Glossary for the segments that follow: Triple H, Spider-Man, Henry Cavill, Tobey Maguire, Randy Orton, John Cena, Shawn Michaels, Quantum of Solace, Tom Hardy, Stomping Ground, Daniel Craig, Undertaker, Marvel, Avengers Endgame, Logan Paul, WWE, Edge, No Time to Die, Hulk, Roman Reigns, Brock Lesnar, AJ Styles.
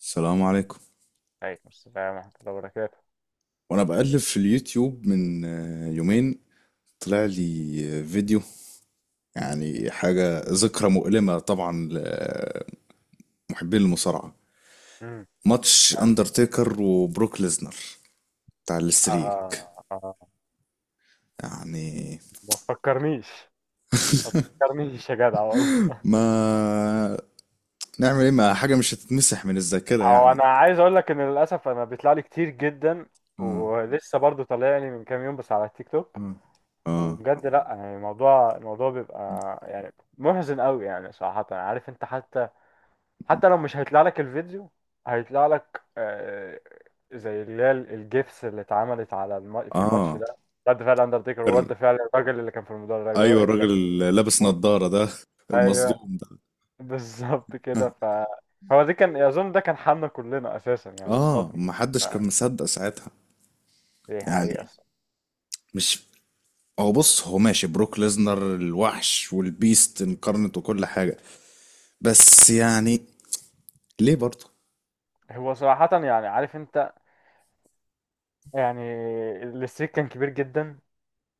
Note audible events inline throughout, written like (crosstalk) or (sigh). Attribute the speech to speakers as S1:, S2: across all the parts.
S1: السلام عليكم.
S2: عليكم السلام ورحمة الله وبركاته.
S1: وانا بقلب في اليوتيوب من يومين، طلع لي فيديو، يعني حاجة ذكرى مؤلمة طبعا لمحبين المصارعة.
S2: امم.
S1: ماتش
S2: حلو.
S1: اندرتيكر وبروك ليزنر بتاع الاستريك
S2: آه، آه.
S1: يعني.
S2: ما تفكرنيش، ما تفكرنيش يا جدع والله.
S1: ما نعمل ايه؟ ما حاجة مش هتتمسح من الذاكرة
S2: هو
S1: يعني.
S2: أنا عايز أقول لك إن للأسف أنا بيطلع لي كتير جدا،
S1: اه
S2: ولسه برضو طالع لي من كام يوم بس على التيك توك.
S1: اه اه
S2: وبجد لأ، يعني الموضوع بيبقى يعني محزن قوي، يعني صراحة عارف أنت، حتى لو مش هيطلع لك الفيديو، هيطلع لك زي اللي هي الجيفس اللي اتعملت على في الماتش
S1: اه.
S2: ده. رد فعل اندرتيكر
S1: الر-
S2: ورد فعل الراجل اللي كان في المدرج.
S1: ايوه، الراجل اللي لابس نظارة ده،
S2: ايوه،
S1: المصدوم ده.
S2: بالظبط كده. هو دي كان اظن ده كان حالنا كلنا اساسا يعني
S1: اه،
S2: الصدمه.
S1: ما
S2: ف...
S1: حدش كان مصدق ساعتها
S2: دي حقيقه
S1: يعني.
S2: الصراحة.
S1: مش، هو بص، هو ماشي بروك ليزنر الوحش والبيست انكارنت وكل حاجة، بس يعني ليه برضه؟
S2: هو صراحه يعني عارف انت، يعني الاستريك كان كبير جدا.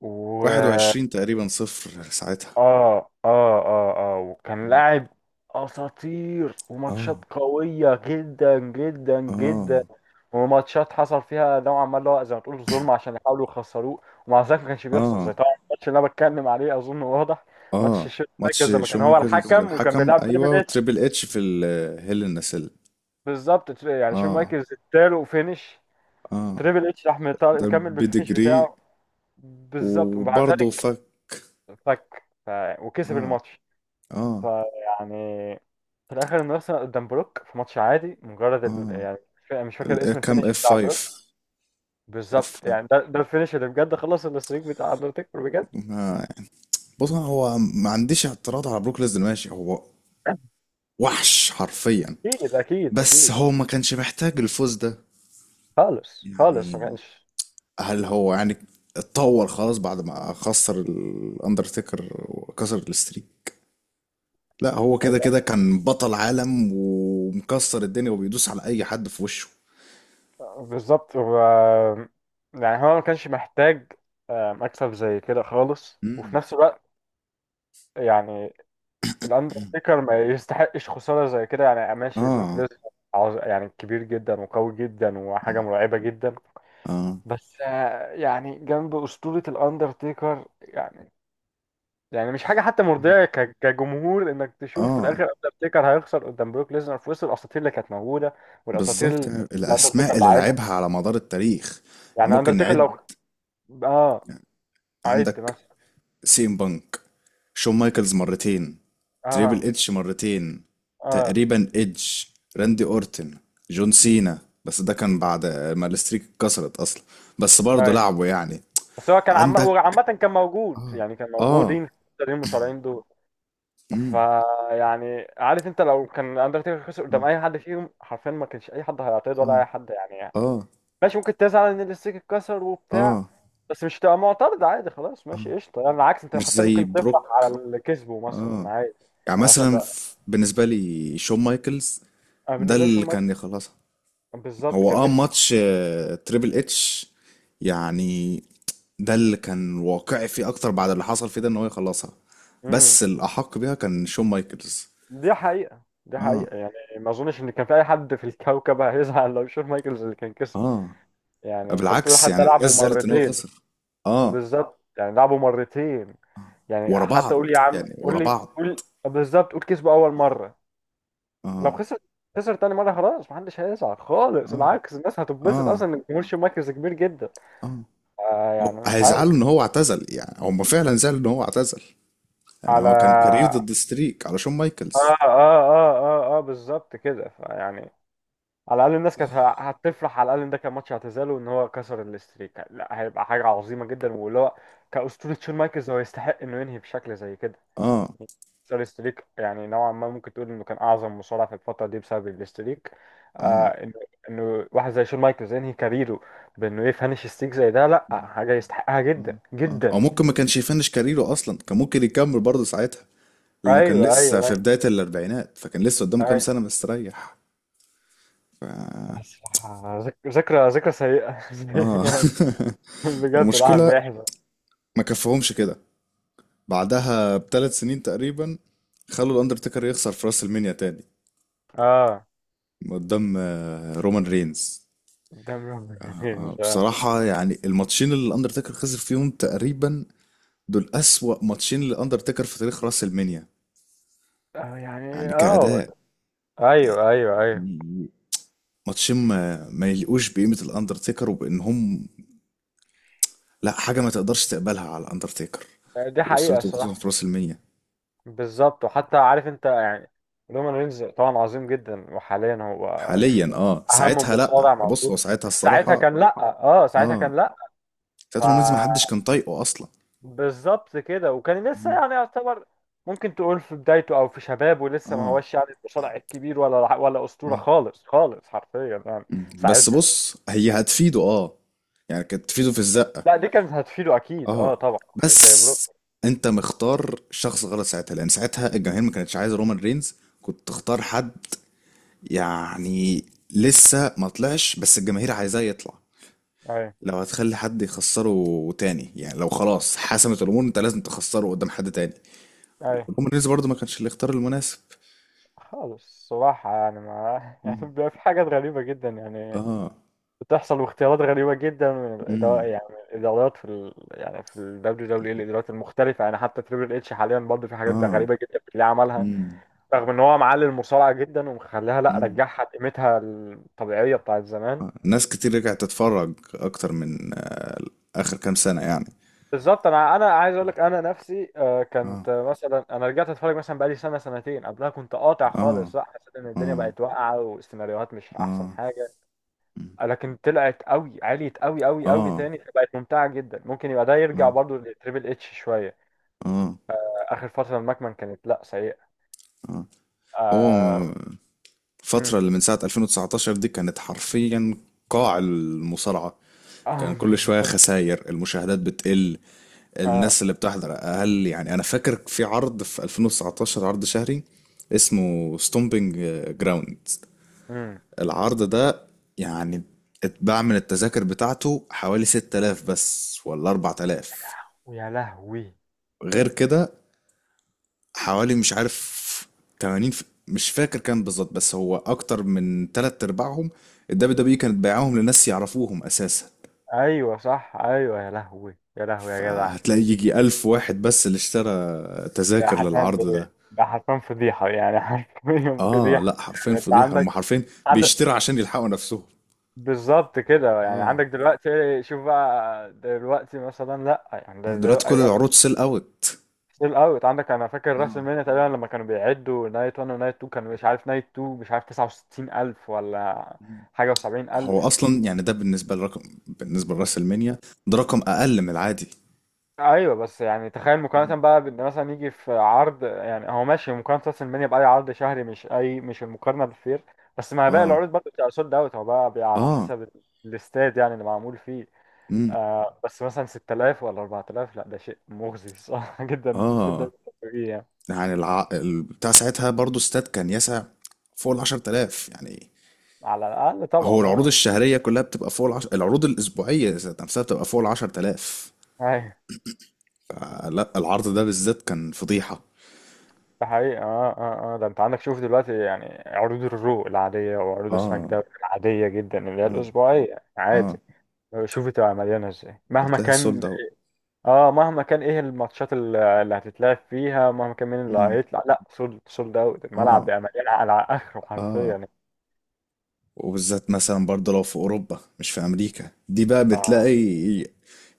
S2: و اه،
S1: 21 تقريبا صفر ساعتها.
S2: اه، اه، اه، وكان لاعب اساطير وماتشات
S1: اه
S2: قويه جدا جدا جدا،
S1: اه
S2: وماتشات حصل فيها نوعا ما اللي هو زي ما تقول ظلم عشان يحاولوا يخسروه ومع ذلك ما كانش بيخسر، زي
S1: اه
S2: طبعا الماتش اللي انا بتكلم عليه، اظن واضح. ماتش
S1: اه.
S2: شون
S1: ماتش
S2: مايكلز لما كان هو
S1: شوميكر
S2: الحكم وكان
S1: الحكم،
S2: بيلعب
S1: ايوه،
S2: تريبل اتش.
S1: وتريبل اتش في الهيل النسل.
S2: بالظبط، يعني شون
S1: اه
S2: مايكلز اداله فينش،
S1: اه،
S2: تريبل اتش راح
S1: ده
S2: مكمل بالفينش
S1: بديجري.
S2: بتاعه. بالظبط، ومع
S1: وبرضه
S2: ذلك
S1: فك.
S2: فك ف... وكسب
S1: اه
S2: الماتش.
S1: اه
S2: فيعني في الاخر انه اصلا قدام بروك في ماتش عادي مجرد
S1: اه.
S2: يعني مش فاكر اسم
S1: كام
S2: الفينش
S1: اف
S2: بتاع بروك.
S1: 5، اف
S2: بالظبط، يعني ده الفينش اللي بجد خلص الستريك بتاع اندرتيكر بجد.
S1: خمسة. بص، هو ما عنديش اعتراض على بروك ليزنر، ماشي، هو وحش حرفيا،
S2: اكيد، اكيد،
S1: بس
S2: اكيد.
S1: هو ما كانش محتاج الفوز ده
S2: خالص خالص ما
S1: يعني.
S2: كانش.
S1: هل هو يعني اتطور خلاص بعد ما خسر الاندرتيكر وكسر الستريك؟ لا، هو كده كده
S2: (laughs)
S1: كان بطل عالم ومكسر الدنيا وبيدوس على اي حد في وشه.
S2: بالظبط. يعني هو ما كانش محتاج مكسب زي كده خالص، وفي
S1: مم.
S2: نفس الوقت يعني الاندرتيكر ما يستحقش خسارة زي كده. يعني ماشي بروك
S1: اه.
S2: ليسنر، يعني كبير جدا وقوي جدا وحاجة
S1: مم.
S2: مرعبة جدا،
S1: اه
S2: بس يعني جنب أسطورة الأندرتيكر يعني، يعني مش حاجه حتى مرضيه كجمهور انك تشوف في الاخر
S1: اه،
S2: اندرتيكر هيخسر قدام بروك ليزنر في وسط الاساطير اللي كانت موجوده. والاساطير
S1: بالظبط،
S2: اللي
S1: يعني
S2: الاندرتيكر
S1: الاسماء
S2: اللي
S1: اللي
S2: عادها،
S1: لعبها على مدار التاريخ. يعني
S2: يعني
S1: ممكن
S2: اندرتيكر
S1: نعد
S2: لو، اه،
S1: يعني.
S2: عد
S1: عندك
S2: مثلا.
S1: سيم بانك، شون مايكلز مرتين، تريبل
S2: اه،
S1: اتش مرتين،
S2: اه،
S1: تقريبا ايدج، راندي اورتن، جون سينا، بس ده كان بعد ما الستريك اتكسرت اصلا، بس برضه
S2: ايوه.
S1: لعبه يعني.
S2: بس هو كان عم
S1: عندك.
S2: وعامه كان موجود،
S1: اه
S2: يعني كان
S1: اه.
S2: موجودين التانيين المصارعين دول.
S1: امم.
S2: فيعني عارف انت، لو كان اندرتيكر خسر قدام اي حد فيهم حرفيا ما كانش اي حد هيعترض،
S1: اه
S2: ولا اي حد يعني يعني
S1: اه
S2: ماشي ممكن تزعل ان الاستيك اتكسر وبتاع،
S1: اه.
S2: بس مش تبقى معترض. عادي خلاص، ماشي قشطه، يعني العكس انت
S1: مش
S2: حتى
S1: زي
S2: ممكن تفرح على
S1: بروك.
S2: اللي كسبه مثلا
S1: اه،
S2: عادي.
S1: يعني
S2: يعني مثلا
S1: مثلا
S2: ده
S1: بالنسبة لي شون مايكلز
S2: انا
S1: ده
S2: بالنسبه لي شون
S1: اللي
S2: مايك،
S1: كان يخلصها.
S2: بالظبط،
S1: هو
S2: كان نفسي.
S1: ماتش تريبل اتش يعني، ده اللي كان واقعي فيه اكتر بعد اللي حصل فيه ده، ان هو يخلصها،
S2: امم.
S1: بس الاحق بيها كان شون مايكلز.
S2: دي حقيقه، دي
S1: اه
S2: حقيقه، يعني ما اظنش ان كان في اي حد في الكوكب هيزعل لو شون مايكلز اللي كان كسب.
S1: اه.
S2: يعني انت بتقول
S1: بالعكس،
S2: حتى
S1: يعني الناس
S2: لعبوا
S1: زعلت ان هو
S2: مرتين،
S1: خسر. اه،
S2: بالظبط يعني لعبوا مرتين.
S1: ورا
S2: يعني حتى قول
S1: بعض
S2: يا عم،
S1: يعني،
S2: قول
S1: ورا
S2: لي،
S1: بعض.
S2: قول بالظبط، قول كسبوا اول مره، لو
S1: اه
S2: خسر خسر تاني مره، خلاص محدش هيزعل خالص،
S1: اه
S2: العكس الناس هتتبسط
S1: اه
S2: اصلا ان جمهور شون مايكلز كبير جدا.
S1: اه.
S2: يعني مش عارف.
S1: هيزعلوا ان هو اعتزل يعني، هم فعلا زعلوا ان هو اعتزل. يعني
S2: على،
S1: هو كان كارير
S2: اه،
S1: ضد ستريك على شون مايكلز.
S2: اه، اه، اه، اه، بالظبط كده، فيعني على الاقل الناس كانت هتفرح. على الاقل ان ده كان ماتش اعتزاله، وان هو كسر الستريك لا هيبقى حاجه عظيمه جدا، واللي هو كاسطوره شون مايكلز هو يستحق انه ينهي بشكل زي كده.
S1: اه
S2: كسر الستريك يعني نوعا ما ممكن تقول انه كان اعظم مصارع في الفتره دي بسبب الستريك. آه
S1: اه.
S2: انه انه واحد زي شون مايكلز ينهي كاريره بانه يفنش ستريك زي ده، لا حاجه يستحقها جدا
S1: آه، آه.
S2: جدا.
S1: او ممكن ما كانش يفنش كاريره اصلا، كان ممكن يكمل برضه ساعتها، لانه كان
S2: ايوه، ايوه،
S1: لسه في
S2: ايوه.
S1: بداية الاربعينات، فكان لسه قدامه كام
S2: أيوة.
S1: سنة مستريح.
S2: الصراحة ذكرى سيئة.
S1: اه.
S2: (laughs)
S1: (laughs)
S2: بجد الواحد
S1: والمشكلة
S2: بيحزن.
S1: ما كفهمش كده، بعدها بـ3 سنين تقريبا خلوا الاندرتيكر يخسر في راس المنيا تاني
S2: اه،
S1: قدام رومان رينز.
S2: قدام ربنا مش اه،
S1: بصراحة، يعني الماتشين اللي الاندرتيكر خسر فيهم تقريبا دول اسوأ ماتشين للاندرتيكر في تاريخ راس المنيا،
S2: يعني
S1: يعني
S2: اه،
S1: كأداء.
S2: ايوه، ايوه، ايوه،
S1: يعني ماتشين ما يلقوش بقيمة الأندرتيكر، وبإن هم لا حاجة ما تقدرش تقبلها على الأندرتيكر
S2: دي حقيقة
S1: وأسرته، خصوصا في
S2: الصراحة.
S1: راس المية.
S2: بالظبط، وحتى عارف انت يعني لومان رينز طبعا عظيم جدا، وحاليا هو
S1: حاليا
S2: يمكن
S1: اه،
S2: اهم
S1: ساعتها لا،
S2: مصارع
S1: بص هو
S2: موجود،
S1: ساعتها
S2: بس ساعتها
S1: الصراحة
S2: كان لا. اه ساعتها
S1: اه،
S2: كان، لا،
S1: ساعتها رومانز ما حدش كان طايقه أصلا.
S2: بالظبط كده. وكان لسه
S1: مم.
S2: يعني يعتبر، ممكن تقول في بدايته او في شبابه، لسه ما
S1: اه
S2: هوش يعني المصارع الكبير ولا اسطوره
S1: اه.
S2: خالص خالص حرفيا يعني
S1: مم. بس
S2: ساعتها.
S1: بص، هي هتفيده اه، يعني كانت تفيده في الزقة.
S2: لا دي كانت هتفيده اكيد، اه
S1: اه،
S2: طبعا، مش زي
S1: بس
S2: بروك.
S1: انت مختار شخص غلط ساعتها، لان ساعتها الجماهير ما كانتش عايزة رومان رينز. كنت تختار حد يعني لسه ما طلعش، بس الجماهير عايزاه يطلع.
S2: اي،
S1: لو هتخلي حد يخسره تاني، يعني لو خلاص حسمت الامور انت لازم تخسره قدام حد تاني،
S2: اي،
S1: رومان برضه ما كانش الاختيار المناسب.
S2: خالص صراحه يعني ما (laughs) يعني
S1: مم.
S2: بيبقى في حاجات غريبه جدا يعني
S1: اه.
S2: بتحصل، واختيارات غريبه جدا من الاداره،
S1: امم.
S2: يعني من الادارات في يعني في الدبليو دبليو اي، الادارات المختلفه. يعني حتى تريبل اتش حاليا برضه في حاجات
S1: اه.
S2: غريبه جدا بتلاقيه عملها،
S1: امم.
S2: رغم ان هو معلي المصارعه جدا، ومخليها لا
S1: امم.
S2: رجعها لقيمتها الطبيعيه بتاعت زمان.
S1: آه. ناس كتير رجعت تتفرج اكتر من اخر كام سنة يعني.
S2: بالظبط، انا عايز اقول لك انا نفسي
S1: اه
S2: كنت مثلا انا رجعت اتفرج مثلا بقالي سنه سنتين. قبلها كنت قاطع
S1: اه
S2: خالص، لا حسيت ان الدنيا
S1: اه
S2: بقت واقعه والسيناريوهات مش احسن
S1: اه
S2: حاجه، لكن طلعت قوي، عليت قوي قوي قوي
S1: اه
S2: تاني، فبقت ممتعه جدا. ممكن يبقى ده يرجع
S1: اه
S2: برضو لتريبل اتش شويه.
S1: اه
S2: اخر فتره المكمن كانت لا سيئه.
S1: اه. هو
S2: اه.
S1: الفترة
S2: امم.
S1: اللي من ساعة 2019 دي كانت حرفيا قاع المصارعة،
S2: اه
S1: كان
S2: (laughs)
S1: كل شوية
S2: بالظبط.
S1: خسائر، المشاهدات بتقل،
S2: اه.
S1: الناس اللي بتحضر أقل. يعني أنا فاكر في عرض في 2019 عرض شهري اسمه ستومبينج جراوند،
S2: امم.
S1: العرض ده يعني اتباع من التذاكر بتاعته حوالي 6000 بس ولا 4000.
S2: ويا لهوي،
S1: غير كده حوالي مش عارف 80، مش فاكر كام بالظبط، بس هو اكتر من تلات ارباعهم الدبليو دبليو كانت بيعاهم لناس يعرفوهم اساسا،
S2: ايوه صح، ايوه يا لهوي يا لهوي يا جدع.
S1: فهتلاقي يجي الف واحد بس اللي اشترى
S2: ده
S1: تذاكر
S2: حرفيا ده
S1: للعرض ده.
S2: ده حرفيا فضيحه، يعني (laughs) حرفيا
S1: اه
S2: فضيحه.
S1: لا، حرفين
S2: يعني انت
S1: فضيحة،
S2: عندك،
S1: هم حرفين
S2: عندك،
S1: بيشتروا عشان يلحقوا نفسهم.
S2: بالظبط كده، يعني
S1: اه،
S2: عندك دلوقتي. شوف بقى دلوقتي مثلا، لا يعني ده
S1: دلوقتي كل
S2: دلوقتي
S1: العروض سيل اوت.
S2: ستيل اوت. عندك انا فاكر راس
S1: اه،
S2: المنيا تقريبا لما كانوا بيعدوا نايت 1 ونايت 2، كانوا مش عارف نايت 2 مش عارف 69 الف ولا حاجه
S1: هو
S2: و70000.
S1: اصلا يعني ده بالنسبة لرقم، بالنسبة لراس المنيا ده رقم اقل من العادي.
S2: ايوه بس يعني تخيل مقارنه بقى بان مثلا يجي في عرض، يعني هو ماشي مقارنه راس المنيا باي عرض شهري مش، اي مش المقارنه بالفير، بس مع باقي
S1: اه
S2: العروض برضه بتبقى سولد اوت. هو بقى بيبقى على
S1: اه.
S2: حسب الاستاد يعني اللي معمول فيه.
S1: امم.
S2: آه بس مثلا 6000 ولا 4000، لا ده شيء مغزي صح (laughs) جدا في الدوري
S1: اه،
S2: السعودي يعني.
S1: يعني بتاع ساعتها برضو استاد كان يسع فوق ال 10000 يعني.
S2: على الاقل
S1: هو
S2: طبعا
S1: العروض
S2: اه.
S1: الشهرية كلها بتبقى فوق العروض الأسبوعية ذات نفسها بتبقى فوق ال 10000.
S2: ايوه،
S1: لا، العرض ده بالذات كان فضيحة.
S2: ده حقيقي. اه، اه، اه، ده انت عندك شوف دلوقتي، يعني عروض الرو العاديه وعروض سماك
S1: اه
S2: داون العاديه جدا اللي هي
S1: اه
S2: الاسبوعيه عادي،
S1: اه.
S2: شوفي تبقى مليانة ازاي مهما
S1: هتلاقيها
S2: كان.
S1: سولد اوت.
S2: اه مهما كان ايه الماتشات اللي هتتلعب فيها، مهما كان مين اللي
S1: امم.
S2: هيطلع، لا سولد، سولد اوت الملعب
S1: اه
S2: بقى مليان على اخره حرفيا
S1: اه.
S2: يعني.
S1: وبالذات مثلا برضه لو في أوروبا مش في أمريكا، دي بقى
S2: اه
S1: بتلاقي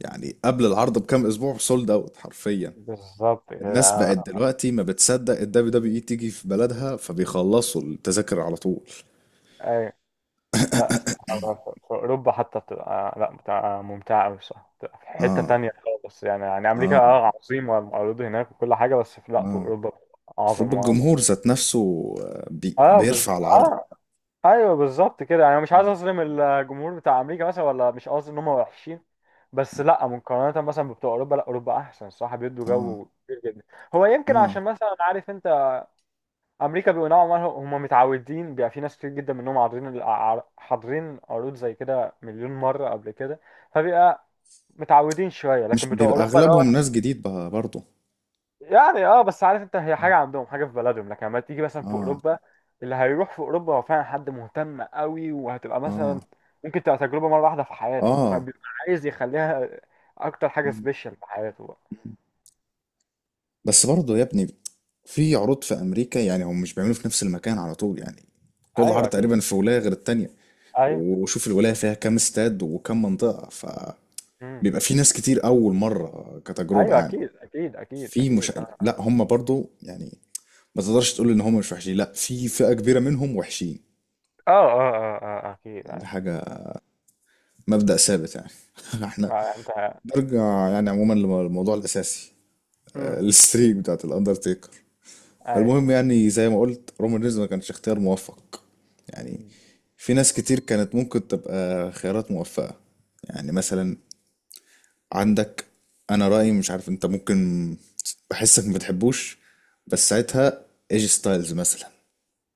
S1: يعني قبل العرض بكام أسبوع سولد اوت حرفيا.
S2: بالظبط كده.
S1: الناس بقت دلوقتي ما بتصدق ال WWE تيجي في بلدها، فبيخلصوا التذاكر على طول.
S2: اي لا صراحة في، في اوروبا حتى بتبقى لا بتبقى ممتعه قوي صح، بتبقى في حته
S1: اه
S2: تانية خالص يعني، يعني امريكا
S1: اه
S2: اه عظيمه والمعروض هناك وكل حاجه، بس في لا في
S1: اه.
S2: اوروبا
S1: المفروض
S2: اعظم واعظم.
S1: الجمهور ذات نفسه آه، بي
S2: اه بس
S1: بيرفع العرض.
S2: اه، ايوه بالظبط كده، يعني مش عايز اظلم الجمهور بتاع امريكا مثلا، ولا مش قصدي ان هم وحشين، بس لا مقارنه مثلا بتوع اوروبا، لا اوروبا احسن صح، بيدوا
S1: اه
S2: جو كتير جدا. هو يمكن
S1: اه.
S2: عشان مثلا عارف انت امريكا بيبقوا نوعا ما هم متعودين، بيبقى في ناس كتير جدا منهم حاضرين حاضرين عروض زي كده مليون مره قبل كده، فبيبقى متعودين شويه. لكن
S1: مش
S2: بتوع
S1: بيبقى
S2: اوروبا اللي هو،
S1: اغلبهم ناس جديد بقى برضه؟
S2: يعني اه بس عارف انت، هي
S1: اه
S2: حاجه عندهم حاجه في بلدهم، لكن لما تيجي مثلا في
S1: اه
S2: اوروبا، اللي هيروح في اوروبا هو فعلا حد مهتم قوي، وهتبقى
S1: اه.
S2: مثلا ممكن تبقى تجربه مره واحده في حياته،
S1: آه.
S2: فبيبقى عايز يخليها اكتر حاجه
S1: مم،
S2: سبيشال في حياته بقى.
S1: مم. بس برضه يا ابني، في عروض في امريكا يعني هم مش بيعملوا في نفس المكان على طول، يعني كل
S2: ايوه
S1: عرض
S2: اكيد.
S1: تقريبا في ولاية غير التانية،
S2: ايوه.
S1: وشوف الولاية فيها كام استاد وكم منطقة، ف
S2: امم.
S1: بيبقى في ناس كتير اول مره كتجربه
S2: ايوه
S1: يعني.
S2: اكيد اكيد اكيد
S1: في مش
S2: اكيد. اه،
S1: لا، هم برضو يعني ما تقدرش تقول ان هم مش وحشين، لا في فئه كبيره منهم وحشين،
S2: اه، اه، اه، آه، آه، اكيد،
S1: دي
S2: ايوه.
S1: حاجه مبدأ ثابت يعني. (laughs) احنا
S2: آه انت.
S1: نرجع يعني عموما للموضوع الاساسي،
S2: امم.
S1: الستريك بتاعت الاندرتيكر.
S2: ايوه.
S1: المهم يعني زي ما قلت رومان رينز ما كانش اختيار موفق يعني.
S2: مم.
S1: في ناس كتير كانت ممكن تبقى خيارات موفقه، يعني مثلا عندك، انا رأيي مش عارف انت، ممكن بحسك ما بتحبوش، بس ساعتها ايجي ستايلز مثلا.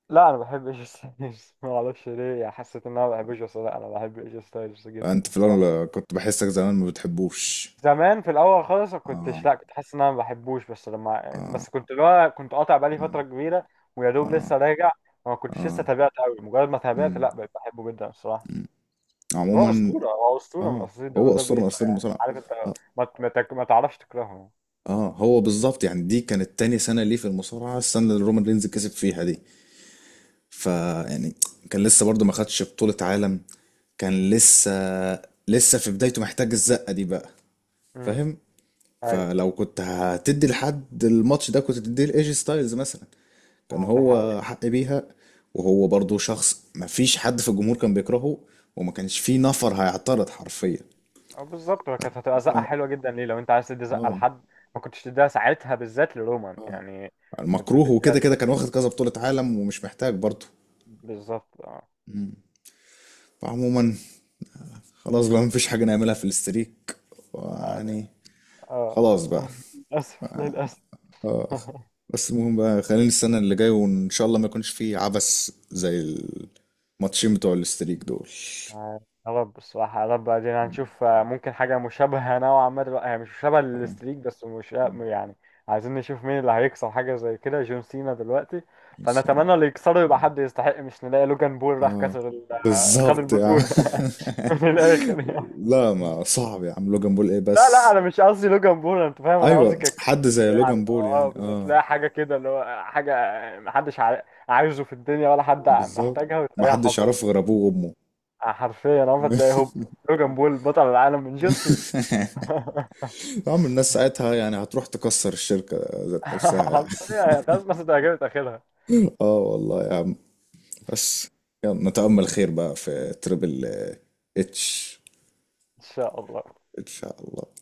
S2: لا انا بحب ايجي (laughs) ستايلز، ما اعرفش (laughs) ليه يعني حسيت ان انا ما بحبش، بس لا انا بحب ايجي ستايلز جدا.
S1: انت في الاول كنت بحسك زمان ما بتحبوش.
S2: زمان في الاول خالص ما
S1: اه
S2: كنتش، لا كنت حاسس ان انا ما بحبوش، بس لما
S1: اه
S2: بس كنت اللي هو كنت قاطع بقالي
S1: اه
S2: فتره كبيره ويا دوب
S1: اه
S2: لسه راجع، وما كنتش لسه
S1: اه.
S2: تابعت قوي. مجرد ما تابعت،
S1: مم،
S2: لا بقيت بحبه جدا الصراحه.
S1: مم.
S2: هو
S1: عموما
S2: اسطوره، هو اسطوره من
S1: اه،
S2: اساطير الدوري
S1: هو
S2: دبليو
S1: اسطوره
S2: اي،
S1: من اساطير
S2: فيعني
S1: المصارعه.
S2: عارف انت،
S1: اه
S2: ما تعرفش تكرهه يعني.
S1: اه، هو بالظبط يعني دي كانت تاني سنه ليه في المصارعه، السنه اللي رومان رينز كسب فيها دي، فيعني كان لسه برضه ما خدش بطوله عالم، كان لسه في بدايته محتاج الزقه دي بقى،
S2: امم.
S1: فاهم؟
S2: ايوه.
S1: فلو كنت هتدي لحد الماتش ده كنت تديه لايجي ستايلز مثلا، كان
S2: اه ده
S1: هو
S2: حقيقي.
S1: حق بيها، وهو برضو شخص مفيش حد في الجمهور كان بيكرهه، وما كانش فيه نفر هيعترض حرفيا.
S2: بالظبط، هو كانت هتبقى زقه
S1: اه
S2: حلوه جدا ليه، لو انت عايز تدي زقه
S1: اه
S2: لحد، ما كنتش تديها ساعتها بالذات لرومان
S1: اه.
S2: يعني، كنت
S1: المكروه وكده
S2: تديها.
S1: كده كان واخد كذا بطولة عالم، ومش محتاج برضو.
S2: بالظبط اه.
S1: مم. فعموما خلاص بقى مفيش حاجة نعملها في الاستريك
S2: آه، ده-
S1: يعني. خلاص
S2: اه
S1: بقى.
S2: (laughs) للاسف، للاسف.
S1: اه.
S2: (laughs)
S1: بس المهم بقى، خلينا السنة اللي جاية وإن شاء الله ما يكونش فيه عبث زي الماتشين بتوع الاستريك دول.
S2: يا رب الصراحة، يا رب ادينا، هنشوف ممكن حاجة مشابهة نوعا ما دلوقتي، هي مش مشابهة للستريك بس، مش يعني، عايزين نشوف مين اللي هيكسر حاجة زي كده، جون سينا دلوقتي.
S1: ميسي.
S2: فنتمنى اللي يكسره يبقى
S1: اه.
S2: حد يستحق، مش نلاقي لوجان بول راح
S1: آه.
S2: كسر خد
S1: بالظبط يا عم.
S2: البطولة. (laughs) من الآخر يعني.
S1: (laughs) لا، ما صعب يا عم، لوجان بول ايه
S2: لا لا
S1: بس؟
S2: أنا مش قصدي لوجان بول، أنت فاهم أنا قصدي
S1: ايوه، حد
S2: ككونسبت،
S1: زي
S2: يعني
S1: لوجان بول
S2: أه
S1: يعني
S2: بالظبط
S1: اه.
S2: تلاقي حاجة كده، اللي هو حاجة عايزه في الدنيا، ولا حد
S1: بالظبط،
S2: محتاجها،
S1: ما
S2: وتلاقيها
S1: حدش
S2: حصلت.
S1: يعرفه غير ابوه وامه.
S2: حرفيا عمرك تلاقي
S1: (laughs)
S2: هوب، لوجان بول بطل العالم من جون سينا. (laughs)
S1: يا عم الناس ساعتها يعني هتروح تكسر الشركة ذات نفسها يعني.
S2: حرفيا هي ملهاش لازمة، تعجبت آخرها.
S1: (laughs) اه والله يا، بس، يلا نتأمل خير بقى في تريبل اتش.
S2: إن شاء الله.
S1: ان شاء الله.